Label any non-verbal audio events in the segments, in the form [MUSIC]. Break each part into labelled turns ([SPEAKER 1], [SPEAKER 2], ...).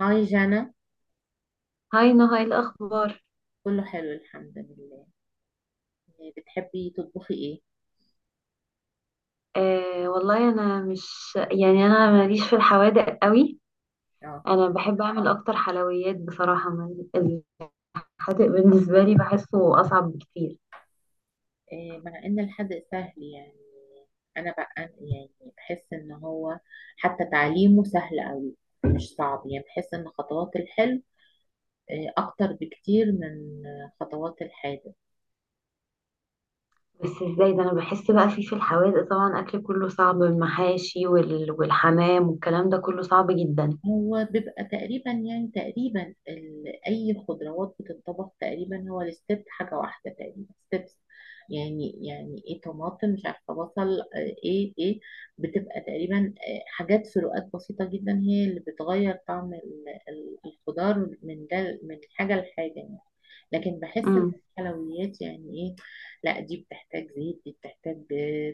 [SPEAKER 1] هاي جانا.
[SPEAKER 2] هاي نهى، ايه الاخبار؟
[SPEAKER 1] كله حلو الحمد لله. إيه، بتحبي تطبخي ايه؟
[SPEAKER 2] آه، والله انا مش، يعني انا ماليش في الحوادق قوي.
[SPEAKER 1] اه.
[SPEAKER 2] انا بحب اعمل اكتر حلويات بصراحه. الحادق بالنسبه لي بحسه اصعب بكتير.
[SPEAKER 1] إيه، مع ان الحد سهل يعني. انا بقى يعني بحس ان هو حتى تعليمه سهل قوي. مش صعب يعني بحس ان خطوات الحلو إيه، اكتر بكتير من خطوات الحادق.
[SPEAKER 2] بس ازاي ده؟ انا بحس بقى فيه في الحوادق طبعا اكل كله صعب، المحاشي والحمام والكلام ده كله صعب جدا.
[SPEAKER 1] هو بيبقى تقريبا يعني تقريبا اي خضروات بتنطبخ تقريبا، هو الستيب حاجه واحده تقريبا ستيبس. يعني ايه طماطم مش عارفه بصل ايه. بتبقى تقريبا حاجات، فروقات بسيطه جدا هي اللي بتغير طعم الخضار من ده من حاجه لحاجه يعني. لكن بحس ان الحلويات يعني ايه، لا دي بتحتاج زيت، دي بتحتاج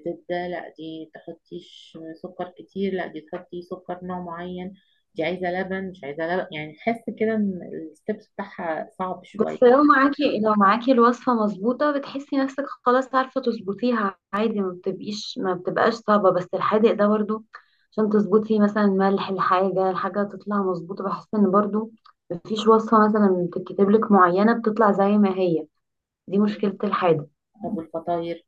[SPEAKER 1] زبدة، لا دي تحطيش سكر كتير، لا دي تحطي سكر نوع معين، دي عايزة لبن مش عايزة لبن، يعني تحس كده ان الستبس بتاعها صعب
[SPEAKER 2] بس
[SPEAKER 1] شوية.
[SPEAKER 2] لو معاكي الوصفة مظبوطة، بتحسي نفسك خلاص عارفة تظبطيها عادي، ما بتبقاش صعبة. بس الحادق ده برضو عشان تظبطي مثلا ملح الحاجة تطلع مظبوطة، بحس ان برضو مفيش وصفة مثلا بتتكتب لك معينة بتطلع زي ما هي. دي مشكلة الحادق.
[SPEAKER 1] طب والفطاير؟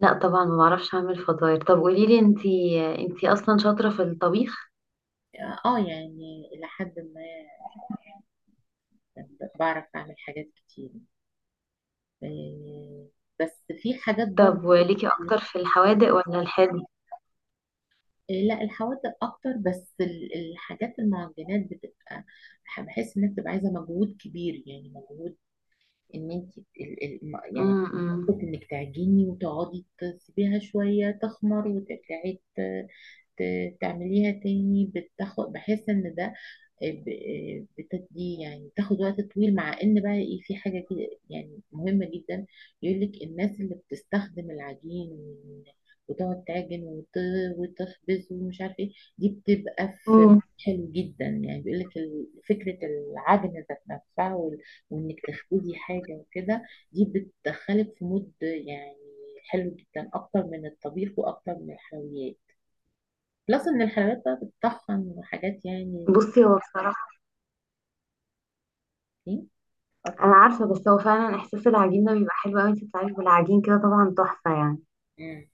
[SPEAKER 2] لا طبعا ما بعرفش اعمل فطاير. طب قوليلي انتي اصلا شاطرة في الطبيخ.
[SPEAKER 1] اه يعني إلى حد ما، بعرف أعمل حاجات كتير، آه، بس في حاجات برضو
[SPEAKER 2] طب وليكي
[SPEAKER 1] يعني.
[SPEAKER 2] اكتر في الحوادق ولا الحادق؟
[SPEAKER 1] لا الحوادق اكتر، بس الحاجات المعجنات بتبقى، بحس انها بتبقى عايزه مجهود كبير يعني مجهود، ان انت يعني،
[SPEAKER 2] امم
[SPEAKER 1] حته انك تعجني وتقعدي تسيبيها شويه تخمر وترجعي تعمليها تاني، بتاخد، بحس ان ده بتدي يعني تاخد وقت طويل، مع ان بقى ايه، في حاجة كده يعني مهمة جدا يقول لك الناس اللي بتستخدم العجين وتقعد تعجن وتخبز ومش عارف ايه، دي بتبقى في
[SPEAKER 2] أمم.
[SPEAKER 1] حلو جدا يعني. بيقول لك فكرة العجن ذات نفسها وانك تخبزي حاجة وكده دي بتدخلك في مود يعني حلو جدا اكتر من الطبيخ واكتر من الحلويات. بلس ان الحلويات بقى بتطحن حاجات يعني.
[SPEAKER 2] بصي، هو بصراحة
[SPEAKER 1] إيه؟
[SPEAKER 2] انا عارفه، بس هو فعلا احساس العجين ده بيبقى حلو قوي. انت بتعملي بالعجين كده طبعا تحفه يعني.
[SPEAKER 1] مم.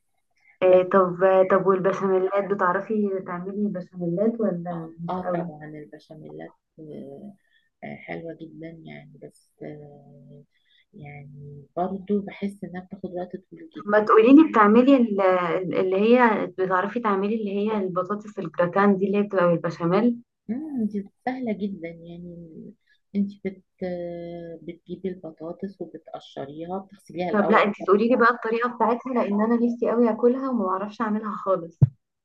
[SPEAKER 1] بس.
[SPEAKER 2] إيه؟ طب والبشاميلات، بتعرفي تعملي بشاميلات ولا
[SPEAKER 1] اه،
[SPEAKER 2] مش
[SPEAKER 1] آه
[SPEAKER 2] قوي؟
[SPEAKER 1] طبعا البشاميلات، حلوة جدا يعني، بس يعني برضو بحس انها بتاخد وقت طويل
[SPEAKER 2] طب
[SPEAKER 1] جدا.
[SPEAKER 2] ما تقولي لي، اللي هي بتعرفي تعملي اللي هي البطاطس الجراتان دي اللي هي بتبقى بالبشاميل.
[SPEAKER 1] مم، دي سهلة جدا يعني، انت بت آه، بتجيبي البطاطس وبتقشريها بتغسليها
[SPEAKER 2] طب لا
[SPEAKER 1] الاول.
[SPEAKER 2] انت تقولي لي بقى الطريقه بتاعتها، لان انا نفسي قوي اكلها وما بعرفش اعملها خالص.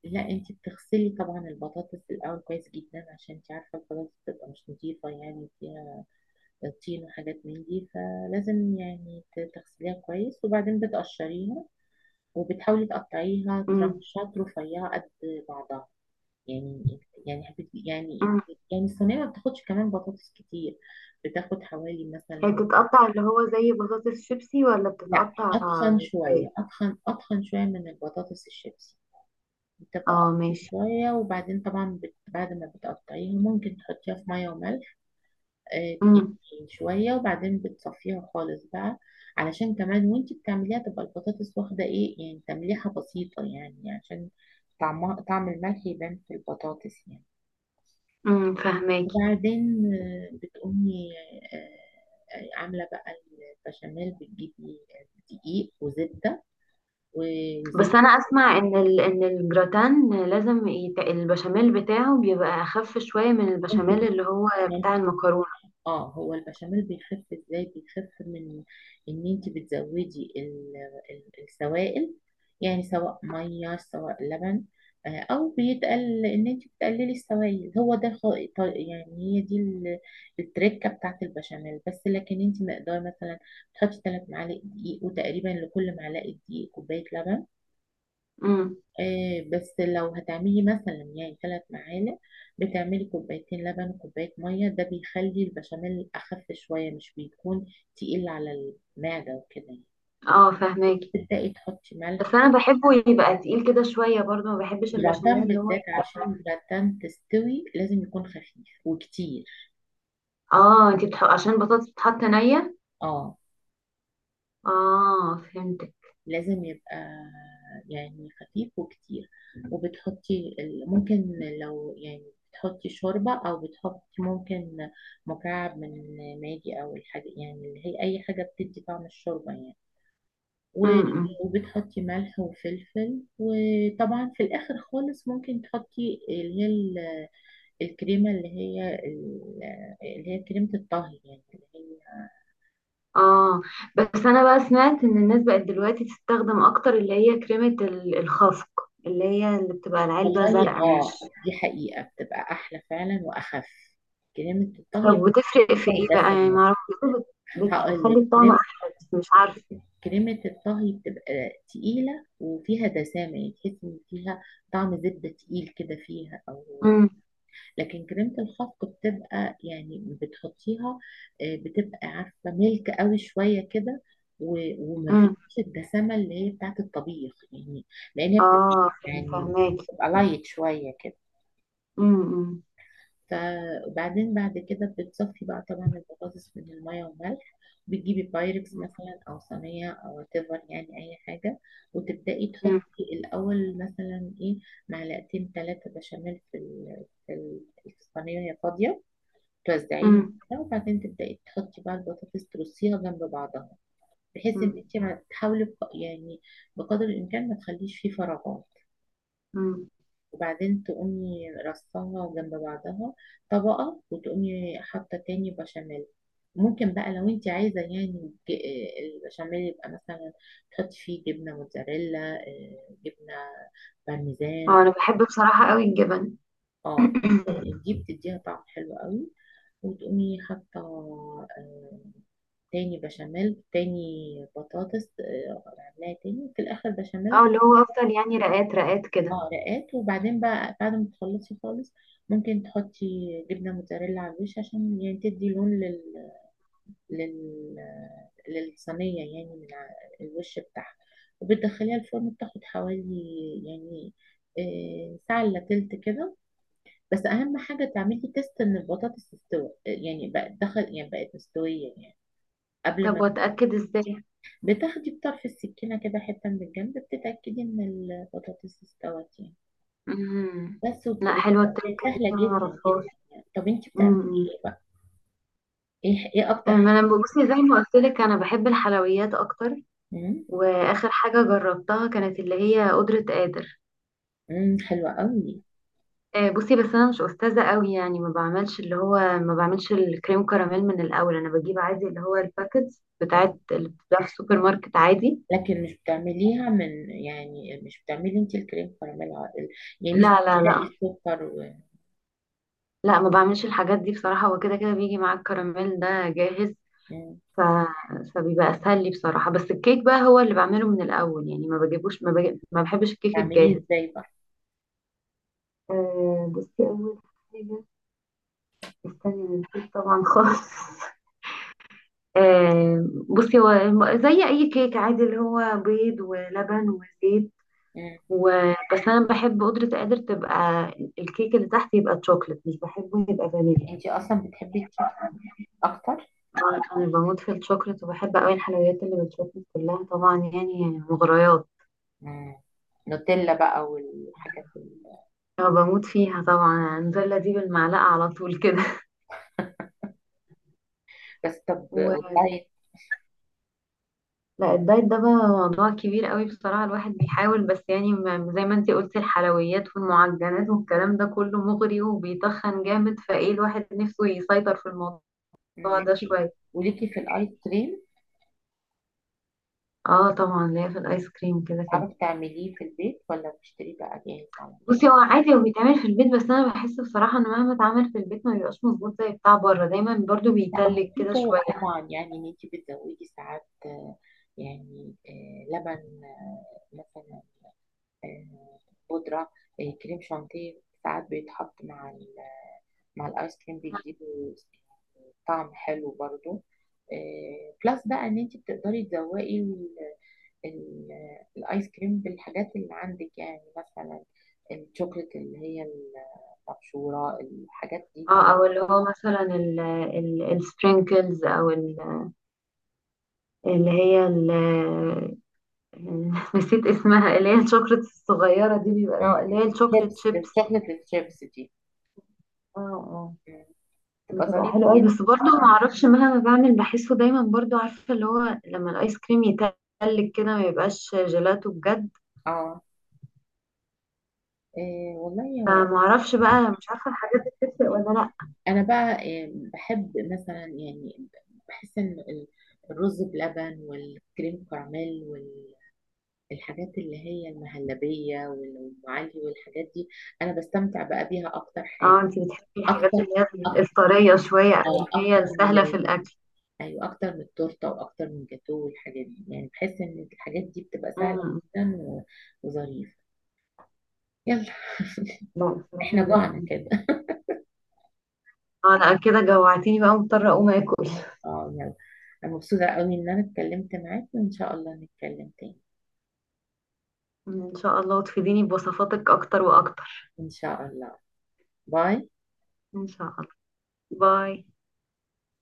[SPEAKER 1] لا انت بتغسلي طبعا البطاطس الاول كويس جدا عشان انت عارفة البطاطس بتبقى مش نظيفة، يعني فيها طين وحاجات من دي، فلازم يعني تغسليها كويس وبعدين بتقشريها وبتحاولي تقطعيها
[SPEAKER 2] امم
[SPEAKER 1] ترانشات رفيعة قد بعضها، يعني يعني حبيت يعني
[SPEAKER 2] أمم.
[SPEAKER 1] يعني الصينية ما بتاخدش كمان بطاطس كتير، بتاخد حوالي
[SPEAKER 2] هي
[SPEAKER 1] مثلا.
[SPEAKER 2] بتتقطع اللي هو زي بطاطس شيبسي، ولا
[SPEAKER 1] لا،
[SPEAKER 2] بتتقطع
[SPEAKER 1] أتخن
[SPEAKER 2] ازاي؟
[SPEAKER 1] شوية، أتخن أتخن شوية من البطاطس الشيبسي، بتبقى
[SPEAKER 2] اه،
[SPEAKER 1] أتخن
[SPEAKER 2] ماشي.
[SPEAKER 1] شوية، وبعدين طبعا بعد ما بتقطعيها ممكن تحطيها في مية وملح آه،
[SPEAKER 2] امم،
[SPEAKER 1] شوية، وبعدين بتصفيها خالص بقى علشان كمان وانتي بتعمليها تبقى البطاطس واخدة ايه يعني تمليحة بسيطة، يعني عشان طعمها طعم الملح يبان في البطاطس يعني.
[SPEAKER 2] امم، فهماكي.
[SPEAKER 1] وبعدين بتقومي آه، عاملة بقى البشاميل، بتجيبي دقيق وزبدة و-
[SPEAKER 2] بس
[SPEAKER 1] وزيت.
[SPEAKER 2] انا اسمع ان ان الجراتان البشاميل بتاعه بيبقى اخف شويه من
[SPEAKER 1] انت
[SPEAKER 2] البشاميل اللي هو بتاع المكرونه.
[SPEAKER 1] اه، هو البشاميل بيخف ازاي؟ بيخف من ان انت بتزودي السوائل، يعني سواء ميه سواء لبن او بيتقل ان انت بتقللي السوائل، هو ده يعني هي دي التركه بتاعت البشاميل. بس لكن انت مقدار مثلا تحطي 3 معالق دقيق وتقريبا لكل معلقه دقيق كوبايه لبن.
[SPEAKER 2] امم،
[SPEAKER 1] بس لو هتعملي مثلا يعني 3 معالق، بتعملي كوبايتين لبن وكوباية مية، ده بيخلي البشاميل أخف شوية، مش بيكون تقيل على المعدة وكده يعني.
[SPEAKER 2] اه، فهماكي.
[SPEAKER 1] تبدأي تحطي
[SPEAKER 2] بس
[SPEAKER 1] ملح،
[SPEAKER 2] انا بحبه يبقى تقيل كده شويه برضه، ما بحبش البشاميل
[SPEAKER 1] والجراتان
[SPEAKER 2] اللي هو.
[SPEAKER 1] بالذات عشان الجراتان تستوي لازم يكون خفيف وكتير.
[SPEAKER 2] اه، عشان البطاطس بتتحط نيه.
[SPEAKER 1] اه،
[SPEAKER 2] اه، فهمتك.
[SPEAKER 1] لازم يبقى يعني خفيف وكتير، وبتحطي ممكن لو يعني بتحطي شوربة أو بتحطي ممكن مكعب من ماجي أو الحاجة، يعني اللي هي أي حاجة بتدي طعم الشوربة يعني و-
[SPEAKER 2] امم.
[SPEAKER 1] وبتحطي ملح وفلفل. وطبعا في الآخر خالص ممكن تحطي اللي هي الكريمة، اللي هي كريمة الطهي يعني اللي
[SPEAKER 2] اه، بس انا بقى سمعت ان الناس بقت دلوقتي تستخدم اكتر اللي هي كريمه الخفق، اللي هي اللي بتبقى العلبه
[SPEAKER 1] والله.
[SPEAKER 2] زرقاء، مش؟
[SPEAKER 1] اه، دي حقيقة بتبقى أحلى فعلا وأخف، كريمة
[SPEAKER 2] طب
[SPEAKER 1] الطهي
[SPEAKER 2] وتفرق في
[SPEAKER 1] بتبقى
[SPEAKER 2] ايه
[SPEAKER 1] ده
[SPEAKER 2] بقى يعني؟ ما
[SPEAKER 1] سنان.
[SPEAKER 2] اعرفش، بيقولوا
[SPEAKER 1] هقول
[SPEAKER 2] بتخلي
[SPEAKER 1] لك،
[SPEAKER 2] الطعم
[SPEAKER 1] كريمة
[SPEAKER 2] احلى، بس مش عارفه.
[SPEAKER 1] كريمة الطهي بتبقى تقيلة وفيها دسامة، يعني تحس إن فيها طعم زبدة تقيل كده فيها، أو
[SPEAKER 2] امم،
[SPEAKER 1] لكن كريمة الخفق بتبقى يعني بتحطيها بتبقى عارفة ملك قوي شوية كده وما
[SPEAKER 2] امم،
[SPEAKER 1] فيش الدسامة اللي هي بتاعت الطبيخ يعني، لأن هي
[SPEAKER 2] اه،
[SPEAKER 1] يعني
[SPEAKER 2] فهماكي.
[SPEAKER 1] بتبقى لايت شوية كده.
[SPEAKER 2] امم، امم،
[SPEAKER 1] فبعدين بعد كده بتصفي بقى طبعا البطاطس من المية والملح، بتجيبي بايركس مثلا أو صينية أو تفر يعني أي حاجة، وتبدأي تحطي الأول مثلا إيه معلقتين ثلاثة بشاميل في الصينية وهي فاضية، توزعيهم
[SPEAKER 2] امم.
[SPEAKER 1] كده، وبعدين تبدأي تحطي بقى البطاطس ترصيها جنب بعضها، بحيث إن
[SPEAKER 2] مم.
[SPEAKER 1] أنت ما تحاولي يعني بقدر الإمكان ما تخليش فيه فراغات،
[SPEAKER 2] مم.
[SPEAKER 1] وبعدين تقومي رصاها جنب بعضها طبقة، وتقومي حاطة تاني بشاميل. ممكن بقى لو انت عايزة يعني البشاميل يبقى مثلا تحطي فيه جبنة موتزاريلا، جبنة بارميزان.
[SPEAKER 2] اه، انا بحب بصراحه قوي الجبن. [COUGHS]
[SPEAKER 1] اه،
[SPEAKER 2] [CLEARS THROAT]
[SPEAKER 1] تحطي دي بتديها طعم حلو قوي، وتقومي حاطة آه، تاني بشاميل، تاني بطاطس، عاملاها، تاني في الآخر بشاميل.
[SPEAKER 2] اه، اللي هو افضل يعني رقات رقات كده.
[SPEAKER 1] اه، رقات، وبعدين بقى بعد ما تخلصي خالص ممكن تحطي جبنة موتزاريلا على الوش عشان يعني تدي لون لل... للصينية يعني من الوش بتاعها، وبتدخليها الفرن، بتاخد حوالي يعني ساعة إلا تلت كده. بس أهم حاجة تعملي تيست إن البطاطس تستوي، يعني بقت دخل يعني بقت مستوية يعني، قبل
[SPEAKER 2] طب
[SPEAKER 1] ما،
[SPEAKER 2] واتاكد ازاي؟
[SPEAKER 1] بتاخدي بطرف السكينة كده حتة من الجنب بتتأكدي إن البطاطس استوت يعني.
[SPEAKER 2] امم.
[SPEAKER 1] بس
[SPEAKER 2] لا حلوه التركه دي،
[SPEAKER 1] سهلة
[SPEAKER 2] أنا ما
[SPEAKER 1] جدا
[SPEAKER 2] اعرفهاش.
[SPEAKER 1] جدا يعني. طب انت بتعملي
[SPEAKER 2] امم.
[SPEAKER 1] ايه بقى؟ ايه اكتر
[SPEAKER 2] أمم.
[SPEAKER 1] حاجة؟
[SPEAKER 2] ما انا بصي، زي ما قلت لك انا بحب الحلويات اكتر.
[SPEAKER 1] مم،
[SPEAKER 2] واخر حاجه جربتها كانت اللي هي قدره قادر.
[SPEAKER 1] مم، حلوة قوي.
[SPEAKER 2] آه، بصي، بس انا مش استاذه قوي يعني، ما بعملش الكريم كراميل من الاول. انا بجيب عادي اللي هو الباكتس بتاعت
[SPEAKER 1] مم.
[SPEAKER 2] اللي بتتباع في السوبر ماركت عادي.
[SPEAKER 1] لكن مش بتعمليها من، يعني مش بتعملي انت الكريم كراميل عادل؟ يعني
[SPEAKER 2] لا،
[SPEAKER 1] مش
[SPEAKER 2] لا، لا،
[SPEAKER 1] بتحرقي السكر و...
[SPEAKER 2] لا، ما بعملش الحاجات دي بصراحه. هو كده كده بيجي مع الكراميل ده جاهز.
[SPEAKER 1] مم.
[SPEAKER 2] ف... فبيبقى اسهل لي بصراحه. بس الكيك بقى هو اللي بعمله من الاول، يعني ما بجيبوش. ما بحبش الكيك
[SPEAKER 1] بتعمليه
[SPEAKER 2] الجاهز.
[SPEAKER 1] ازاي بقى؟
[SPEAKER 2] آه، بصي، اول حاجه، استني أنا نسيت طبعا خالص. [LAUGHS] آه، بصي، هو زي اي كيك عادي اللي هو بيض ولبن وزيت
[SPEAKER 1] مم.
[SPEAKER 2] وبس. انا بحب قدرة قادر تبقى الكيك اللي تحت يبقى تشوكلت، مش بحبه يبقى فانيليا.
[SPEAKER 1] انت اصلا بتحبي الشوكولاتة اكتر؟
[SPEAKER 2] طبعاً انا بموت في الشوكلت، وبحب قوي الحلويات اللي بالشوكلت كلها طبعا يعني، مغريات.
[SPEAKER 1] مم. نوتيلا بقى والحاجات ال...
[SPEAKER 2] أنا بموت فيها طبعا. النوتيلا دي بالمعلقة على طول كده.
[SPEAKER 1] بس طب
[SPEAKER 2] [LAUGHS]
[SPEAKER 1] والدايت؟
[SPEAKER 2] لا الدايت ده بقى موضوع كبير قوي بصراحة. الواحد بيحاول بس يعني، زي ما انتي قلتي، الحلويات والمعجنات والكلام ده كله مغري وبيتخن جامد، فايه الواحد نفسه يسيطر في الموضوع
[SPEAKER 1] مم.
[SPEAKER 2] ده
[SPEAKER 1] ليكي،
[SPEAKER 2] شوية.
[SPEAKER 1] وليكي في الايس كريم،
[SPEAKER 2] اه طبعا ليا في الايس كريم كده كده.
[SPEAKER 1] تعرفي تعمليه في البيت ولا بتشتريه بقى جاهز على طول؟
[SPEAKER 2] بصي، هو عادي هو بيتعمل في البيت، بس انا بحس بصراحة ان مهما اتعمل في البيت ما بيبقاش مظبوط زي بتاع بره، دايما برضو
[SPEAKER 1] لا،
[SPEAKER 2] بيتلج
[SPEAKER 1] هو في
[SPEAKER 2] كده شوية.
[SPEAKER 1] طرق طبعا، يعني ان انت بتزودي ساعات، يعني لبن مثلا، آه، بودرة، كريم شانتيه ساعات بيتحط مع مع الايس كريم، بيديله طعم حلو برضو. بلس بقى ان انت بتقدري تزوقي الايس كريم بالحاجات اللي عندك، يعني مثلا الشوكليت اللي هي المبشورة، الحاجات دي.
[SPEAKER 2] اه، او اللي هو مثلا السبرينكلز، اللي هي يعني، [LAUGHS] نسيت اسمها، اللي هي الشوكلت الصغيرة دي بيبقى،
[SPEAKER 1] مم.
[SPEAKER 2] اه، اللي هي الشوكلت
[SPEAKER 1] الشيبس،
[SPEAKER 2] شيبس.
[SPEAKER 1] الشوكليت الشيبس دي
[SPEAKER 2] اه، اه،
[SPEAKER 1] تبقى
[SPEAKER 2] بتبقى
[SPEAKER 1] ظريفة
[SPEAKER 2] حلوة قوي.
[SPEAKER 1] جدا.
[SPEAKER 2] بس برضه ما اعرفش، مهما بعمل بحسه دايما برضه عارفة، اللي هو لما الايس كريم يتلج كده ما يبقاش جيلاتو بجد.
[SPEAKER 1] اه، إيه والله هو.
[SPEAKER 2] فما اعرفش بقى، مش عارفة الحاجات دي بتفرق ولا لا.
[SPEAKER 1] انا بقى إيه بحب مثلا، يعني بحس ان الرز بلبن والكريم كراميل والحاجات اللي هي المهلبية والأم علي والحاجات دي، انا بستمتع بقى بيها اكتر
[SPEAKER 2] اه،
[SPEAKER 1] حاجة.
[SPEAKER 2] انتي بتحبي الحاجات
[SPEAKER 1] اكتر،
[SPEAKER 2] اللي هي
[SPEAKER 1] أك-
[SPEAKER 2] الطرية شوية او
[SPEAKER 1] اه،
[SPEAKER 2] اللي هي
[SPEAKER 1] اكتر من
[SPEAKER 2] السهلة في
[SPEAKER 1] ال...
[SPEAKER 2] الاكل
[SPEAKER 1] ايوه، اكتر من التورته واكتر من الجاتوه والحاجات دي، يعني بحس ان الحاجات دي بتبقى سهله
[SPEAKER 2] امم،
[SPEAKER 1] جدا وظريفه. يلا.
[SPEAKER 2] لا
[SPEAKER 1] [LAUGHS]
[SPEAKER 2] بصراحة
[SPEAKER 1] احنا
[SPEAKER 2] ما
[SPEAKER 1] جوعنا
[SPEAKER 2] بحبش.
[SPEAKER 1] كده.
[SPEAKER 2] اه لا كده جوعتيني، بقى مضطرة اقوم اكل.
[SPEAKER 1] اه، يلا. أنا مبسوطة قوي إن أنا اتكلمت معاك، وإن شاء الله نتكلم تاني.
[SPEAKER 2] ان شاء الله، وتفيديني بوصفاتك اكتر واكتر.
[SPEAKER 1] إن شاء الله. باي.
[SPEAKER 2] ان شاء الله. باي.